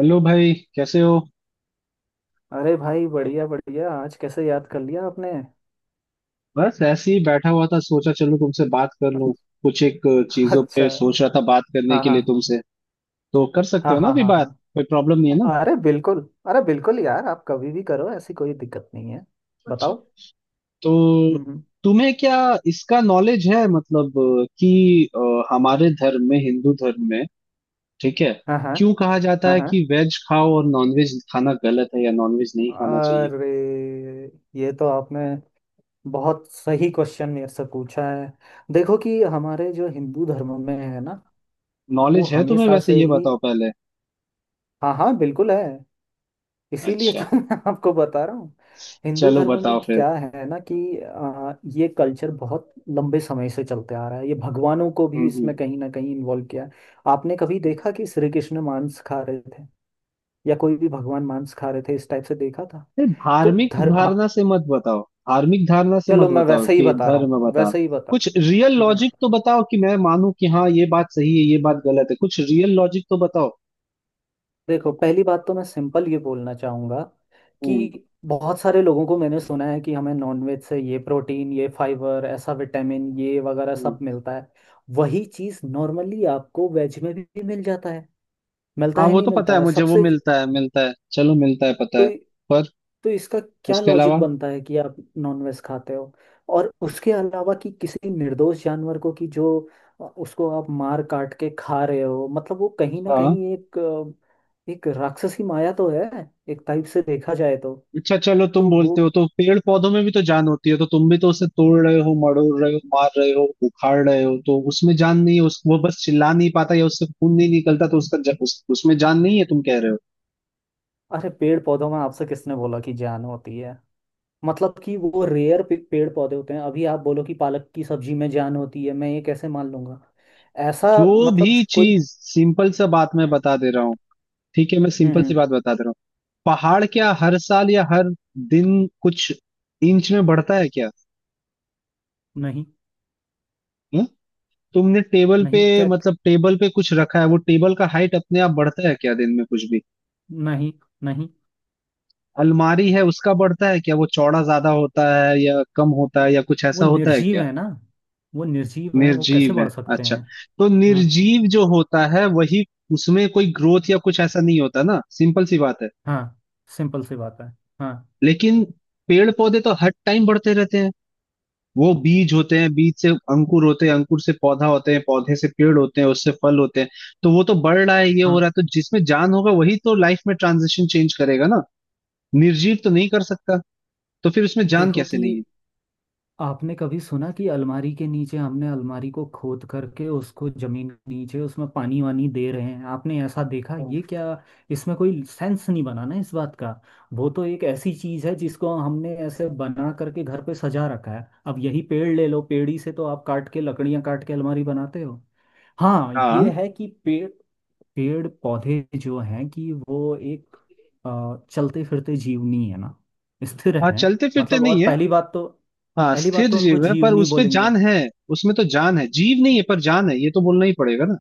Hello भाई, कैसे हो। अरे भाई, बढ़िया बढ़िया। आज कैसे याद कर लिया आपने? बस ऐसे ही बैठा हुआ था, सोचा चलो तुमसे बात कर लूं। कुछ एक चीजों अच्छा। पे सोच रहा था बात करने हाँ के लिए हाँ। तुमसे। तो कर सकते हाँ हो ना हाँ। अभी हाँ बात। हाँ। कोई प्रॉब्लम नहीं है ना। अरे बिल्कुल। अरे बिल्कुल यार, आप कभी भी करो, ऐसी कोई दिक्कत नहीं है। अच्छा। बताओ। तो हम्म। तुम्हें क्या इसका नॉलेज है, मतलब कि हमारे धर्म में, हिंदू धर्म में, ठीक है, हाँ हाँ। क्यों कहा जाता हाँ है हाँ। कि वेज खाओ और नॉनवेज खाना गलत है या नॉनवेज नहीं खाना चाहिए। अरे, ये तो आपने बहुत सही क्वेश्चन मेरे से पूछा है। देखो कि हमारे जो हिंदू धर्म में है ना, वो नॉलेज है तुम्हें हमेशा वैसे, से ये ही। बताओ पहले। हाँ हाँ, बिल्कुल है। इसीलिए अच्छा, तो मैं आपको बता रहा हूँ। हिंदू चलो धर्म में बताओ फिर। क्या है ना कि ये कल्चर बहुत लंबे समय से चलते आ रहा है। ये भगवानों को भी हम्म हम्म इसमें कहीं ना कहीं इन्वॉल्व किया है। आपने कभी देखा कि श्री कृष्ण मांस खा रहे थे? या कोई भी भगवान मांस खा रहे थे, इस टाइप से देखा था? नहीं, तो धार्मिक धर हाँ, धारणा से मत बताओ। धार्मिक धारणा से मत चलो मैं बताओ वैसे ही कि बता रहा धर्म हूँ, बता। वैसे ही बता। कुछ रियल हम्म। लॉजिक तो बताओ कि मैं मानूं कि हाँ ये बात सही है, ये बात गलत है। कुछ रियल लॉजिक तो बताओ। देखो, पहली बात तो मैं सिंपल ये बोलना चाहूँगा हम्म कि बहुत सारे लोगों को मैंने सुना है कि हमें नॉनवेज से ये प्रोटीन, ये फाइबर, ऐसा विटामिन, ये वगैरह हम्म सब मिलता है। वही चीज़ नॉर्मली आपको वेज में भी मिल जाता है। मिलता हाँ, है, वो नहीं तो मिलता पता है है मुझे, वो सबसे। मिलता है मिलता है, चलो मिलता है, पता तो है। पर तो इसका क्या उसके लॉजिक अलावा। बनता है कि आप नॉनवेज खाते हो, और उसके अलावा कि किसी निर्दोष जानवर को कि जो उसको आप मार काट के खा रहे हो, मतलब वो कहीं ना हाँ। कहीं एक एक राक्षसी माया तो है, एक टाइप से देखा जाए तो। अच्छा चलो, तुम तो वो बोलते हो तो पेड़ पौधों में भी तो जान होती है। तो तुम भी तो उसे तोड़ रहे हो, मड़ोड़ रहे हो, मार रहे हो, उखाड़ रहे हो। तो उसमें जान नहीं है? उस, वो बस चिल्ला नहीं पाता या उससे खून नहीं निकलता तो उसमें जान नहीं है, तुम कह रहे हो। अरे, पेड़ पौधों में आपसे किसने बोला कि जान होती है? मतलब कि वो रेयर पेड़ पौधे होते हैं। अभी आप बोलो कि पालक की सब्जी में जान होती है, मैं ये कैसे मान लूंगा? ऐसा? जो मतलब भी जो कोई चीज, सिंपल सा बात मैं हम्म। बता दे रहा हूँ। ठीक है, मैं सिंपल सी हम्म। बात बता दे रहा हूँ। पहाड़ क्या हर साल या हर दिन कुछ इंच में बढ़ता है क्या? नहीं। हं? तुमने टेबल पे, नहीं क्या? मतलब टेबल पे कुछ रखा है, वो टेबल का हाइट अपने आप बढ़ता है क्या दिन में कुछ भी? नहीं। नहीं, अलमारी है, उसका बढ़ता है क्या? वो चौड़ा ज्यादा होता है या कम होता है या कुछ वो ऐसा होता है निर्जीव क्या? है ना। वो निर्जीव है, वो कैसे निर्जीव है। बढ़ सकते अच्छा। हैं? तो हाँ। निर्जीव जो होता है, वही, उसमें कोई ग्रोथ या कुछ ऐसा नहीं होता ना, सिंपल सी बात है। हाँ, सिंपल सी बात है। हाँ। लेकिन पेड़ पौधे तो हर टाइम बढ़ते रहते हैं। वो बीज होते हैं, बीज से अंकुर होते हैं, अंकुर से पौधा होते हैं, पौधे से पेड़ होते हैं, उससे फल होते हैं। तो वो तो बढ़ रहा है, ये हो रहा हाँ। है। तो जिसमें जान होगा वही तो लाइफ में ट्रांजिशन चेंज करेगा ना। निर्जीव तो नहीं कर सकता। तो फिर उसमें जान देखो कैसे कि नहीं है? आपने कभी सुना कि अलमारी के नीचे हमने अलमारी को खोद करके उसको जमीन के नीचे उसमें पानी वानी दे रहे हैं? आपने ऐसा देखा हम्म। ये क्या? इसमें कोई सेंस नहीं बना ना इस बात का। वो तो एक ऐसी चीज है जिसको हमने ऐसे बना करके घर पे सजा रखा है। अब यही पेड़ ले लो, पेड़ ही से तो आप काट के लकड़ियां, काट के अलमारी बनाते हो। हाँ, ये हाँ है कि पेड़ पेड़ पौधे जो हैं कि वो एक चलते फिरते जीवनी है ना, स्थिर हाँ, है। चलते फिरते मतलब, नहीं और है। पहली बात तो हाँ पहली स्थिर बात तो उनको जीव है, पर जीवनी उसमें बोलेंगे। जान है। उसमें तो जान है, जीव नहीं है पर जान है, ये तो बोलना ही पड़ेगा ना।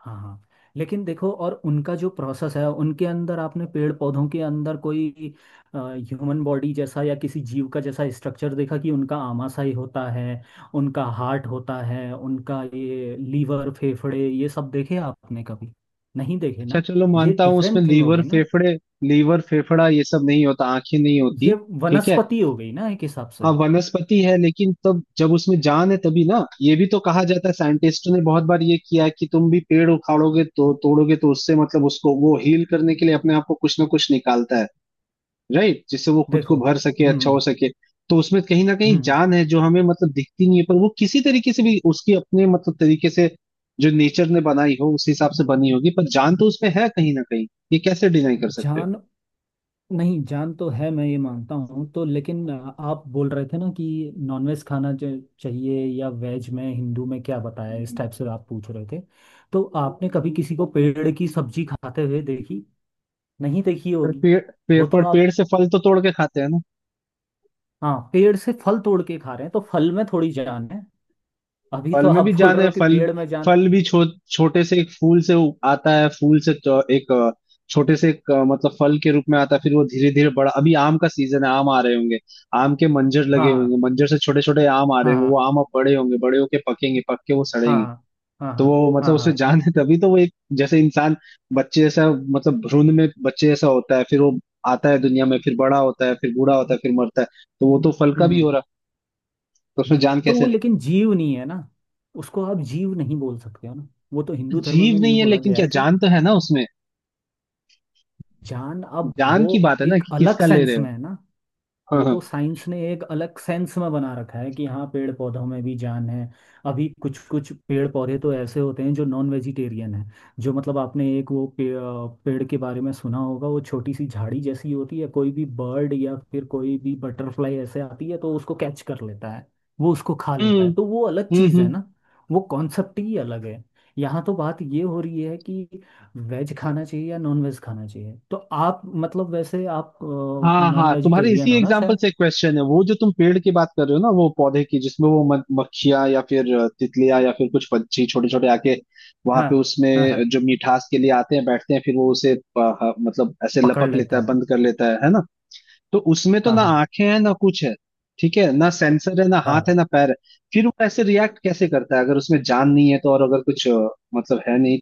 हाँ हाँ। लेकिन देखो, और उनका जो प्रोसेस है, उनके अंदर, आपने पेड़ पौधों के अंदर कोई ह्यूमन बॉडी जैसा या किसी जीव का जैसा स्ट्रक्चर देखा कि उनका आमाशय होता है, उनका हार्ट होता है, उनका ये लीवर फेफड़े ये सब देखे आपने कभी? नहीं देखे अच्छा ना? चलो, ये मानता हूँ उसमें डिफरेंट थिंग हो लीवर गई ना। फेफड़े, लीवर फेफड़ा ये सब नहीं होता, आंखें नहीं होती। ये ठीक है। वनस्पति हो गई ना, एक हिसाब हाँ से। वनस्पति है, लेकिन तब जब उसमें जान है तभी ना। ये भी तो कहा जाता है, साइंटिस्टों ने बहुत बार ये किया है कि तुम भी पेड़ उखाड़ोगे तो, तोड़ोगे तो उससे, मतलब उसको वो हील करने के लिए अपने आप को कुछ ना कुछ निकालता है। राइट, जिससे वो खुद को देखो। भर सके, अच्छा हम्म। हो सके। तो उसमें कहीं ना कहीं हम्म। जान है, जो हमें मतलब दिखती नहीं है, पर वो किसी तरीके से भी उसकी अपने मतलब तरीके से, जो नेचर ने बनाई हो उस हिसाब से बनी होगी, पर जान तो उसमें है कहीं ना कहीं। ये कैसे डिनाई कर सकते हो? जान नहीं, जान तो है, मैं ये मानता हूँ तो। लेकिन आप बोल रहे थे ना कि नॉनवेज खाना चाहिए, या वेज में हिंदू में क्या बताया, हम्म, इस हम्म, टाइप से हम्म। आप पूछ रहे थे। तो आपने कभी किसी को पेड़ की सब्जी खाते हुए देखी? नहीं देखी पर होगी। पेड़ पेड़ वो तो पर, पेड़ आप से फल तो तोड़ के खाते हैं ना। हाँ, पेड़ से फल तोड़ के खा रहे हैं तो फल में थोड़ी जान है। अभी फल तो में आप भी बोल जान रहे है। हो कि फल पेड़ में जान। फल भी छो, छोटे से एक फूल से आता है। फूल से तो एक छोटे से एक मतलब फल के रूप में आता है, फिर वो धीरे धीरे बड़ा। अभी आम का सीजन है, आम आ रहे होंगे। आम के मंजर लगे होंगे, हाँ मंजर से छोटे छोटे आम आ रहे हाँ होंगे, वो हाँ आम अब बड़े होंगे, बड़े होके पकेंगे, पक के वो हाँ सड़ेंगे। हाँ हाँ। तो हाँ वो हाँ। मतलब, हाँ हाँ। उसमें हाँ, जान है तभी तो वो, एक जैसे इंसान, बच्चे जैसा, मतलब भ्रूण में बच्चे जैसा होता है, फिर वो आता है दुनिया में, फिर बड़ा होता है, फिर बूढ़ा होता है, फिर मरता है। तो वो तो फल का भी हो हम्म। रहा। तो उसमें जान तो कैसे वो नहीं? लेकिन जीव नहीं है ना, उसको आप जीव नहीं बोल सकते हो ना। वो तो हिंदू धर्म में जीव ये नहीं है बोला लेकिन गया क्या है कि जान तो है ना उसमें। जान, अब जान वो की बात है ना एक कि अलग किसका ले रहे सेंस हो। में है ना। हाँ वो तो हाँ। साइंस ने एक अलग सेंस में बना रखा है कि हाँ, पेड़ पौधों में भी जान है। अभी कुछ कुछ पेड़ पौधे तो ऐसे होते हैं जो नॉन वेजिटेरियन है, जो मतलब आपने एक पेड़ के बारे में सुना होगा, वो छोटी सी झाड़ी जैसी होती है। कोई भी बर्ड या फिर कोई भी बटरफ्लाई ऐसे आती है तो उसको कैच कर लेता है, वो उसको खा लेता है। हम्म तो वो अलग चीज़ है हम्म। ना, वो कॉन्सेप्ट ही अलग है। यहाँ तो बात ये हो रही है कि वेज खाना चाहिए या नॉन वेज खाना चाहिए। तो आप मतलब वैसे आप हाँ नॉन हाँ, तुम्हारे इसी वेजिटेरियन हो ना एग्जाम्पल शायद। से क्वेश्चन है। वो जो तुम पेड़ की बात कर रहे हो ना, वो पौधे की, जिसमें वो मक्खियाँ या फिर तितलियाँ या फिर कुछ पंछी छोटे छोटे आके वहां हाँ पे, हाँ। उसमें हाँ, जो मिठास के लिए आते हैं, बैठते हैं, फिर वो उसे मतलब ऐसे पकड़ लपक लेता लेता है, है। बंद कर लेता है ना। तो उसमें तो हाँ ना हाँ। आंखें हैं, ना कुछ है, ठीक है ना, सेंसर है, ना हाथ हाँ, है, ना पैर है। फिर वो ऐसे रिएक्ट कैसे करता है अगर उसमें जान नहीं है तो, और अगर मतलब है नहीं।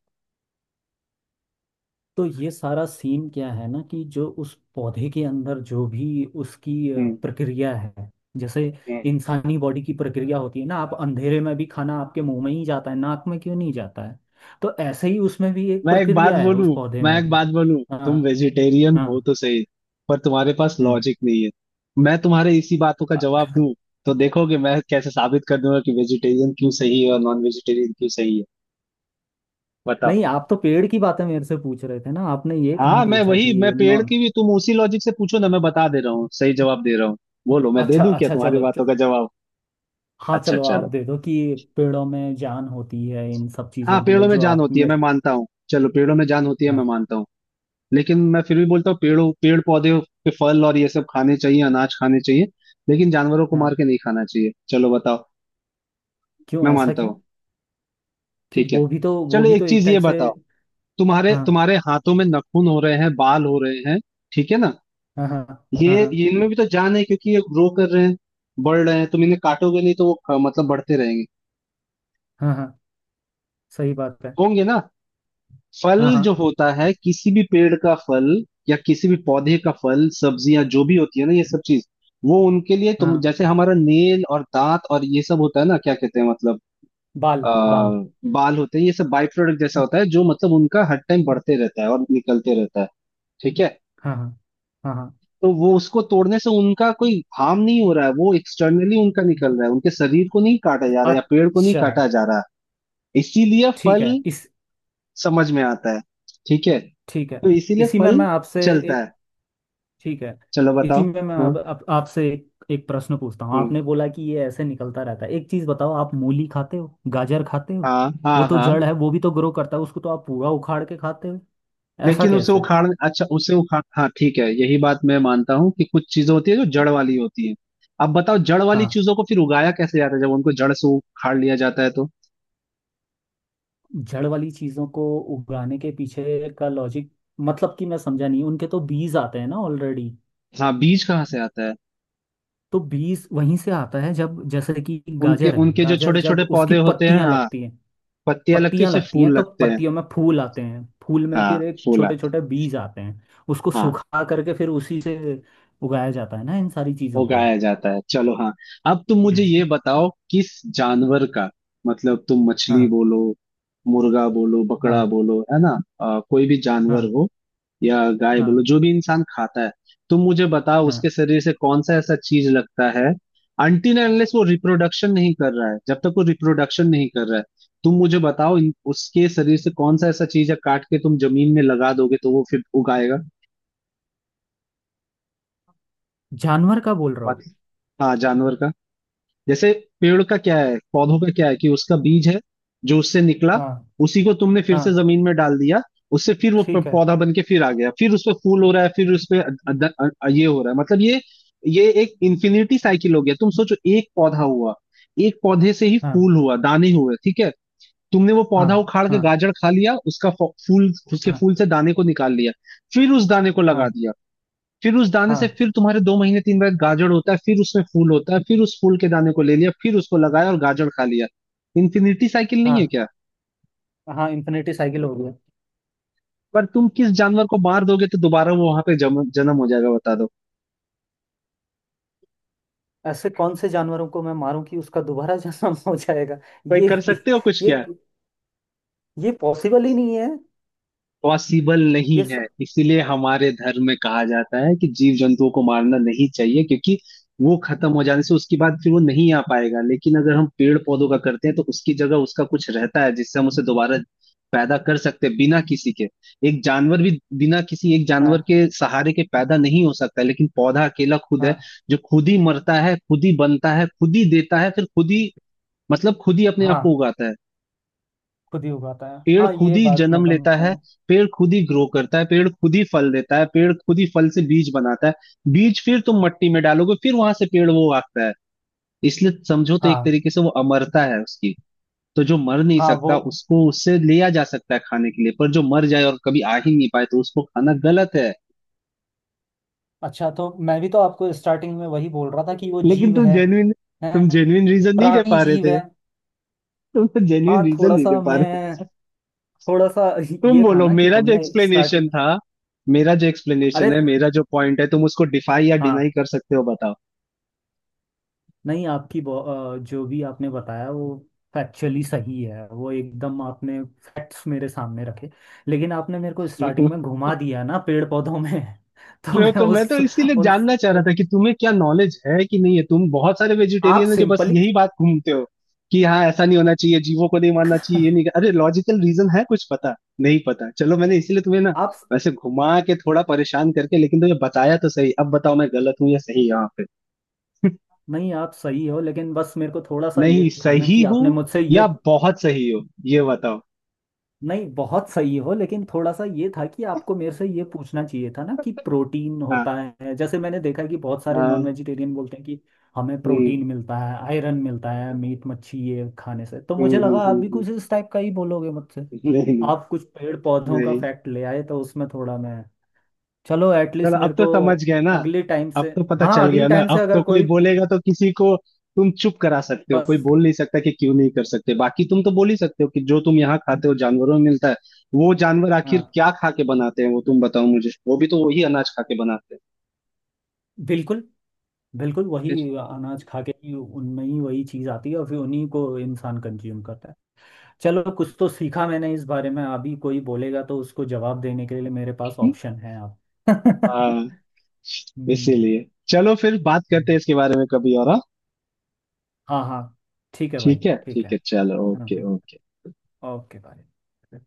तो ये सारा सीन क्या है ना कि जो उस पौधे के अंदर जो भी उसकी हम्म। प्रक्रिया है, जैसे हम्म। इंसानी बॉडी की प्रक्रिया होती है ना, आप अंधेरे में भी खाना आपके मुंह में ही जाता है, नाक में क्यों नहीं जाता है? तो ऐसे ही उसमें भी एक मैं एक बात प्रक्रिया है, उस बोलूं, पौधे मैं में एक भी। बात बोलूं। तुम हाँ। वेजिटेरियन हो हाँ। तो सही, पर तुम्हारे पास हम्म। लॉजिक नहीं है। मैं तुम्हारे इसी बातों का जवाब दूं तो देखोगे मैं कैसे साबित कर दूंगा कि वेजिटेरियन क्यों सही है और नॉन वेजिटेरियन क्यों सही है। बताओ। नहीं, आप तो पेड़ की बातें मेरे से पूछ रहे थे ना, आपने ये कहाँ हाँ मैं पूछा कि वही, मैं पेड़ नॉन? की भी तुम उसी लॉजिक से पूछो ना, मैं बता दे रहा हूँ, सही जवाब दे रहा हूँ। बोलो, मैं दे अच्छा दूं क्या अच्छा तुम्हारी चलो च, बातों का जवाब? हाँ, अच्छा चलो आप चलो। दे दो कि पेड़ों में जान होती है, इन सब हाँ चीज़ों के पेड़ों लिए में जो जान आप होती है, मैं मेरे। मानता हूँ। चलो, पेड़ों में जान होती है, मैं हाँ मानता हूँ। लेकिन मैं फिर भी बोलता हूँ, पेड़ पौधे के फल और ये सब खाने चाहिए, अनाज खाने चाहिए, लेकिन जानवरों को हाँ, मार के नहीं खाना चाहिए। चलो बताओ। क्यों? मैं ऐसा मानता क्यों? हूँ। क्यों, ठीक है, वो भी तो, वो चलो भी एक तो एक चीज ये टाइप से। बताओ। तुम्हारे हाँ तुम्हारे हाथों में नाखून हो रहे हैं, बाल हो रहे हैं, ठीक है ना। हाँ हाँ हाँ हाँ ये इनमें भी तो जान है, क्योंकि ये ग्रो कर रहे हैं, बढ़ रहे हैं। तुम इन्हें काटोगे नहीं तो वो मतलब बढ़ते रहेंगे, हाँ। हाँ, सही बात है। होंगे ना। हाँ फल जो हाँ। होता है, किसी भी पेड़ का फल या किसी भी पौधे का फल, सब्जियां जो भी होती है ना, ये सब चीज वो उनके लिए, तुम हाँ, जैसे हमारा नेल और दांत और ये सब होता है ना, क्या कहते हैं मतलब, बाल आ, बाल बाल होते हैं, ये सब बाई प्रोडक्ट जैसा होता है, जो मतलब उनका हर टाइम बढ़ते रहता है और निकलते रहता है, ठीक है। हाँ हाँ। हाँ हाँ। तो वो उसको तोड़ने से उनका कोई हार्म नहीं हो रहा है, वो एक्सटर्नली उनका निकल रहा है, उनके शरीर को नहीं काटा जा रहा है या पेड़ को नहीं अच्छा। काटा जा रहा है। इसीलिए ठीक फल है। इस समझ में आता है, ठीक है, तो ठीक है। इसीलिए इसी में फल मैं आपसे चलता ए- है। ठीक है। चलो इसी बताओ। में मैं हाँ। अब आपसे एक प्रश्न पूछता हूँ। हम्म। आपने बोला कि ये ऐसे निकलता रहता है। एक चीज बताओ, आप मूली खाते हो, गाजर खाते हो। हाँ वो हाँ तो हाँ, जड़ है, वो भी तो ग्रो करता है, उसको तो आप पूरा उखाड़ के खाते हो। ऐसा लेकिन उसे कैसे? उखाड़, अच्छा उसे उखाड़, हाँ ठीक है, यही बात मैं मानता हूँ कि कुछ चीजें होती है जो जड़ वाली होती है। अब बताओ, जड़ वाली हाँ, चीजों को फिर उगाया कैसे जाता है जब उनको जड़ से उखाड़ लिया जाता है तो? जड़ वाली चीजों को उगाने के पीछे का लॉजिक, मतलब कि मैं समझा नहीं, उनके तो बीज आते हैं ना ऑलरेडी। हाँ, बीज कहाँ से आता है? तो बीज वहीं से आता है, जब जैसे कि उनके गाजर है, उनके जो गाजर छोटे जब छोटे उसकी पौधे होते हैं, पत्तियां हाँ, लगती हैं, पत्तियां लगती है, पत्तियां उससे लगती हैं फूल तो लगते हैं। पत्तियों में फूल आते हैं, फूल में हाँ फिर एक फूल छोटे आते छोटे बीज आते हैं। उसको हैं। हाँ, सुखा करके फिर उसी से उगाया जाता है ना, इन सारी चीजों वो को। गाया जाता है, चलो हाँ। अब तुम मुझे हम्म, ये बताओ, किस जानवर का, मतलब तुम मछली हाँ बोलो, मुर्गा बोलो, बकड़ा हाँ बोलो, है ना, कोई भी जानवर हाँ हो, या गाय बोलो, हाँ जो भी इंसान खाता है, तुम मुझे बताओ उसके हाँ। शरीर से कौन सा ऐसा चीज लगता है, अनटिल अनलेस वो रिप्रोडक्शन नहीं कर रहा है, जब तक वो रिप्रोडक्शन नहीं कर रहा है, तुम मुझे बताओ उसके शरीर से कौन सा ऐसा चीज है काट के तुम जमीन में लगा दोगे तो वो फिर उगाएगा? जानवर का बोल रहे मत, हो? हाँ जानवर का। जैसे पेड़ का क्या है, पौधों का क्या है, कि उसका बीज है जो उससे निकला, हाँ उसी को तुमने फिर से हाँ, जमीन में डाल दिया, उससे फिर वो ठीक है। पौधा बन के फिर आ गया, फिर उस पे फूल हो रहा है, फिर उस पे ये हो रहा है, मतलब ये एक इन्फिनिटी साइकिल हो गया। तुम सोचो, एक पौधा हुआ, एक पौधे से ही हाँ फूल हुआ, दाने हुए, ठीक है, तुमने वो हाँ पौधा उखाड़ के हाँ गाजर खा लिया, उसका फ- फूल, उसके हाँ फूल से दाने को निकाल लिया, फिर उस दाने को हाँ लगा दिया, फिर उस दाने से हाँ फिर तुम्हारे दो महीने तीन बार गाजर होता है, फिर उसमें फूल होता है, फिर उस फूल के दाने को ले लिया, फिर उसको लगाया और गाजर खा लिया। इन्फिनिटी साइकिल हाँ नहीं है क्या? हाँ, इन्फिनिटी साइकिल हो गया। पर तुम किस जानवर को मार दोगे तो दोबारा वो वहां पे जन्म हो जाएगा, बता दो। ऐसे कौन से जानवरों को मैं मारूं कि उसका दोबारा जन्म हो जाएगा? कोई ये कर सकते हो कुछ ये क्या? ये पॉसिबल ही नहीं है। पॉसिबल ये नहीं स... है। इसीलिए हमारे धर्म में कहा जाता है कि जीव जंतुओं को मारना नहीं चाहिए, क्योंकि वो खत्म हो जाने से उसके बाद फिर वो नहीं आ पाएगा। लेकिन अगर हम पेड़ पौधों का करते हैं तो उसकी जगह उसका कुछ रहता है, जिससे हम उसे दोबारा पैदा कर सकते हैं बिना किसी के। एक जानवर भी बिना किसी एक जानवर हाँ के सहारे के पैदा नहीं हो सकता, लेकिन पौधा अकेला खुद है, हाँ। जो खुद ही मरता है, खुद ही बनता है, खुद ही देता है, फिर खुद ही मतलब खुद ही अपने आप को हाँ, उगाता है। खुद ही उगाता है, पेड़ हाँ, खुद ये ही बात में जन्म तो लेता मैं। है, पेड़ खुद ही ग्रो करता है, पेड़ खुद ही फल देता है, पेड़ खुद ही फल से बीज बनाता है। बीज फिर तुम मट्टी में डालोगे, फिर वहां से पेड़ वो उगता है। इसलिए समझो तो एक हाँ तरीके से वो अमरता है उसकी। तो जो मर नहीं हाँ। वो सकता उसको उससे लिया जा सकता है खाने के लिए, पर जो मर जाए और कभी आ ही नहीं पाए तो उसको खाना गलत है। अच्छा, तो मैं भी तो आपको स्टार्टिंग में वही बोल रहा था कि वो लेकिन जीव तुम है, जेन्युइन, है तुम जेन्युइन रीजन नहीं दे प्राणी पा रहे जीव थे, है। तुम तो हाँ, जेन्युइन रीजन नहीं दे पा रहे। थोड़ा सा तुम ये था बोलो, ना कि मेरा जो तुमने एक्सप्लेनेशन स्टार्टिंग। था, मेरा जो एक्सप्लेनेशन अरे है, मेरा जो पॉइंट है, तुम उसको डिफाई या हाँ। डिनाई कर सकते हो, बताओ। नहीं, आपकी जो भी आपने बताया वो फैक्चुअली सही है, वो एकदम आपने फैक्ट्स मेरे सामने रखे, लेकिन आपने मेरे को स्टार्टिंग में घुमा दिया ना पेड़ पौधों में तो मैं मैं तो, मैं उस तो इसीलिए उन जानना चाह रहा था कि तुम्हें क्या नॉलेज है कि नहीं है। तुम बहुत सारे आप वेजिटेरियन है जो बस सिंपली यही बात घूमते हो कि हाँ ऐसा नहीं होना चाहिए, जीवों को नहीं मानना चाहिए ये नहीं। अरे लॉजिकल रीजन है कुछ, पता नहीं, पता। चलो मैंने इसीलिए तुम्हें ना आप, वैसे घुमा के थोड़ा परेशान करके लेकिन तुम्हें बताया तो सही। अब बताओ मैं गलत हूँ या सही यहाँ पे? नहीं, आप सही हो, लेकिन बस मेरे को थोड़ा सा ये नहीं था ना सही कि आपने हूँ मुझसे ये। या बहुत सही हो, ये बताओ। नहीं, बहुत सही हो, लेकिन थोड़ा सा ये था कि आपको मेरे से ये पूछना चाहिए था ना कि प्रोटीन हाँ होता है, जैसे मैंने देखा कि बहुत सारे नॉन हाँ। वेजिटेरियन बोलते हैं कि हमें हम्म, प्रोटीन मिलता है, आयरन मिलता है, मीट मच्छी ये खाने से। तो मुझे हम्म, हम्म, लगा आप भी हम्म, कुछ इस टाइप का ही बोलोगे मुझसे। नहीं। आप कुछ पेड़ पौधों का नहीं, फैक्ट ले आए, तो उसमें थोड़ा मैं। चलो, एटलीस्ट चलो अब मेरे तो को समझ गए ना, अगली टाइम से। अब तो पता हाँ, चल अगली गया ना, टाइम से अब अगर तो कोई कोई बोलेगा तो किसी को तुम चुप करा सकते हो, कोई बस। बोल नहीं सकता कि क्यों नहीं कर सकते। बाकी तुम तो बोल ही सकते हो कि जो तुम यहाँ खाते हो जानवरों में मिलता है, वो जानवर आखिर हाँ। क्या खा के बनाते हैं, वो तुम बताओ मुझे, वो भी तो वही अनाज खा के बनाते हैं। बिल्कुल, बिल्कुल वही फिर। अनाज खा के ही उनमें ही वही चीज़ आती है और फिर उन्हीं को इंसान कंज्यूम करता है। चलो, कुछ तो सीखा मैंने इस बारे में, अभी कोई बोलेगा तो उसको जवाब देने के लिए मेरे पास हम्म, ऑप्शन है अब। हाँ। हम्म। इसीलिए चलो, फिर बात करते हैं हम्म। इसके बारे में कभी और, हाँ। हाँ हाँ, ठीक है भाई। ठीक है, ठीक है। ठीक है, चलो, हम्म ओके हम्म। ओके। ओके भाई।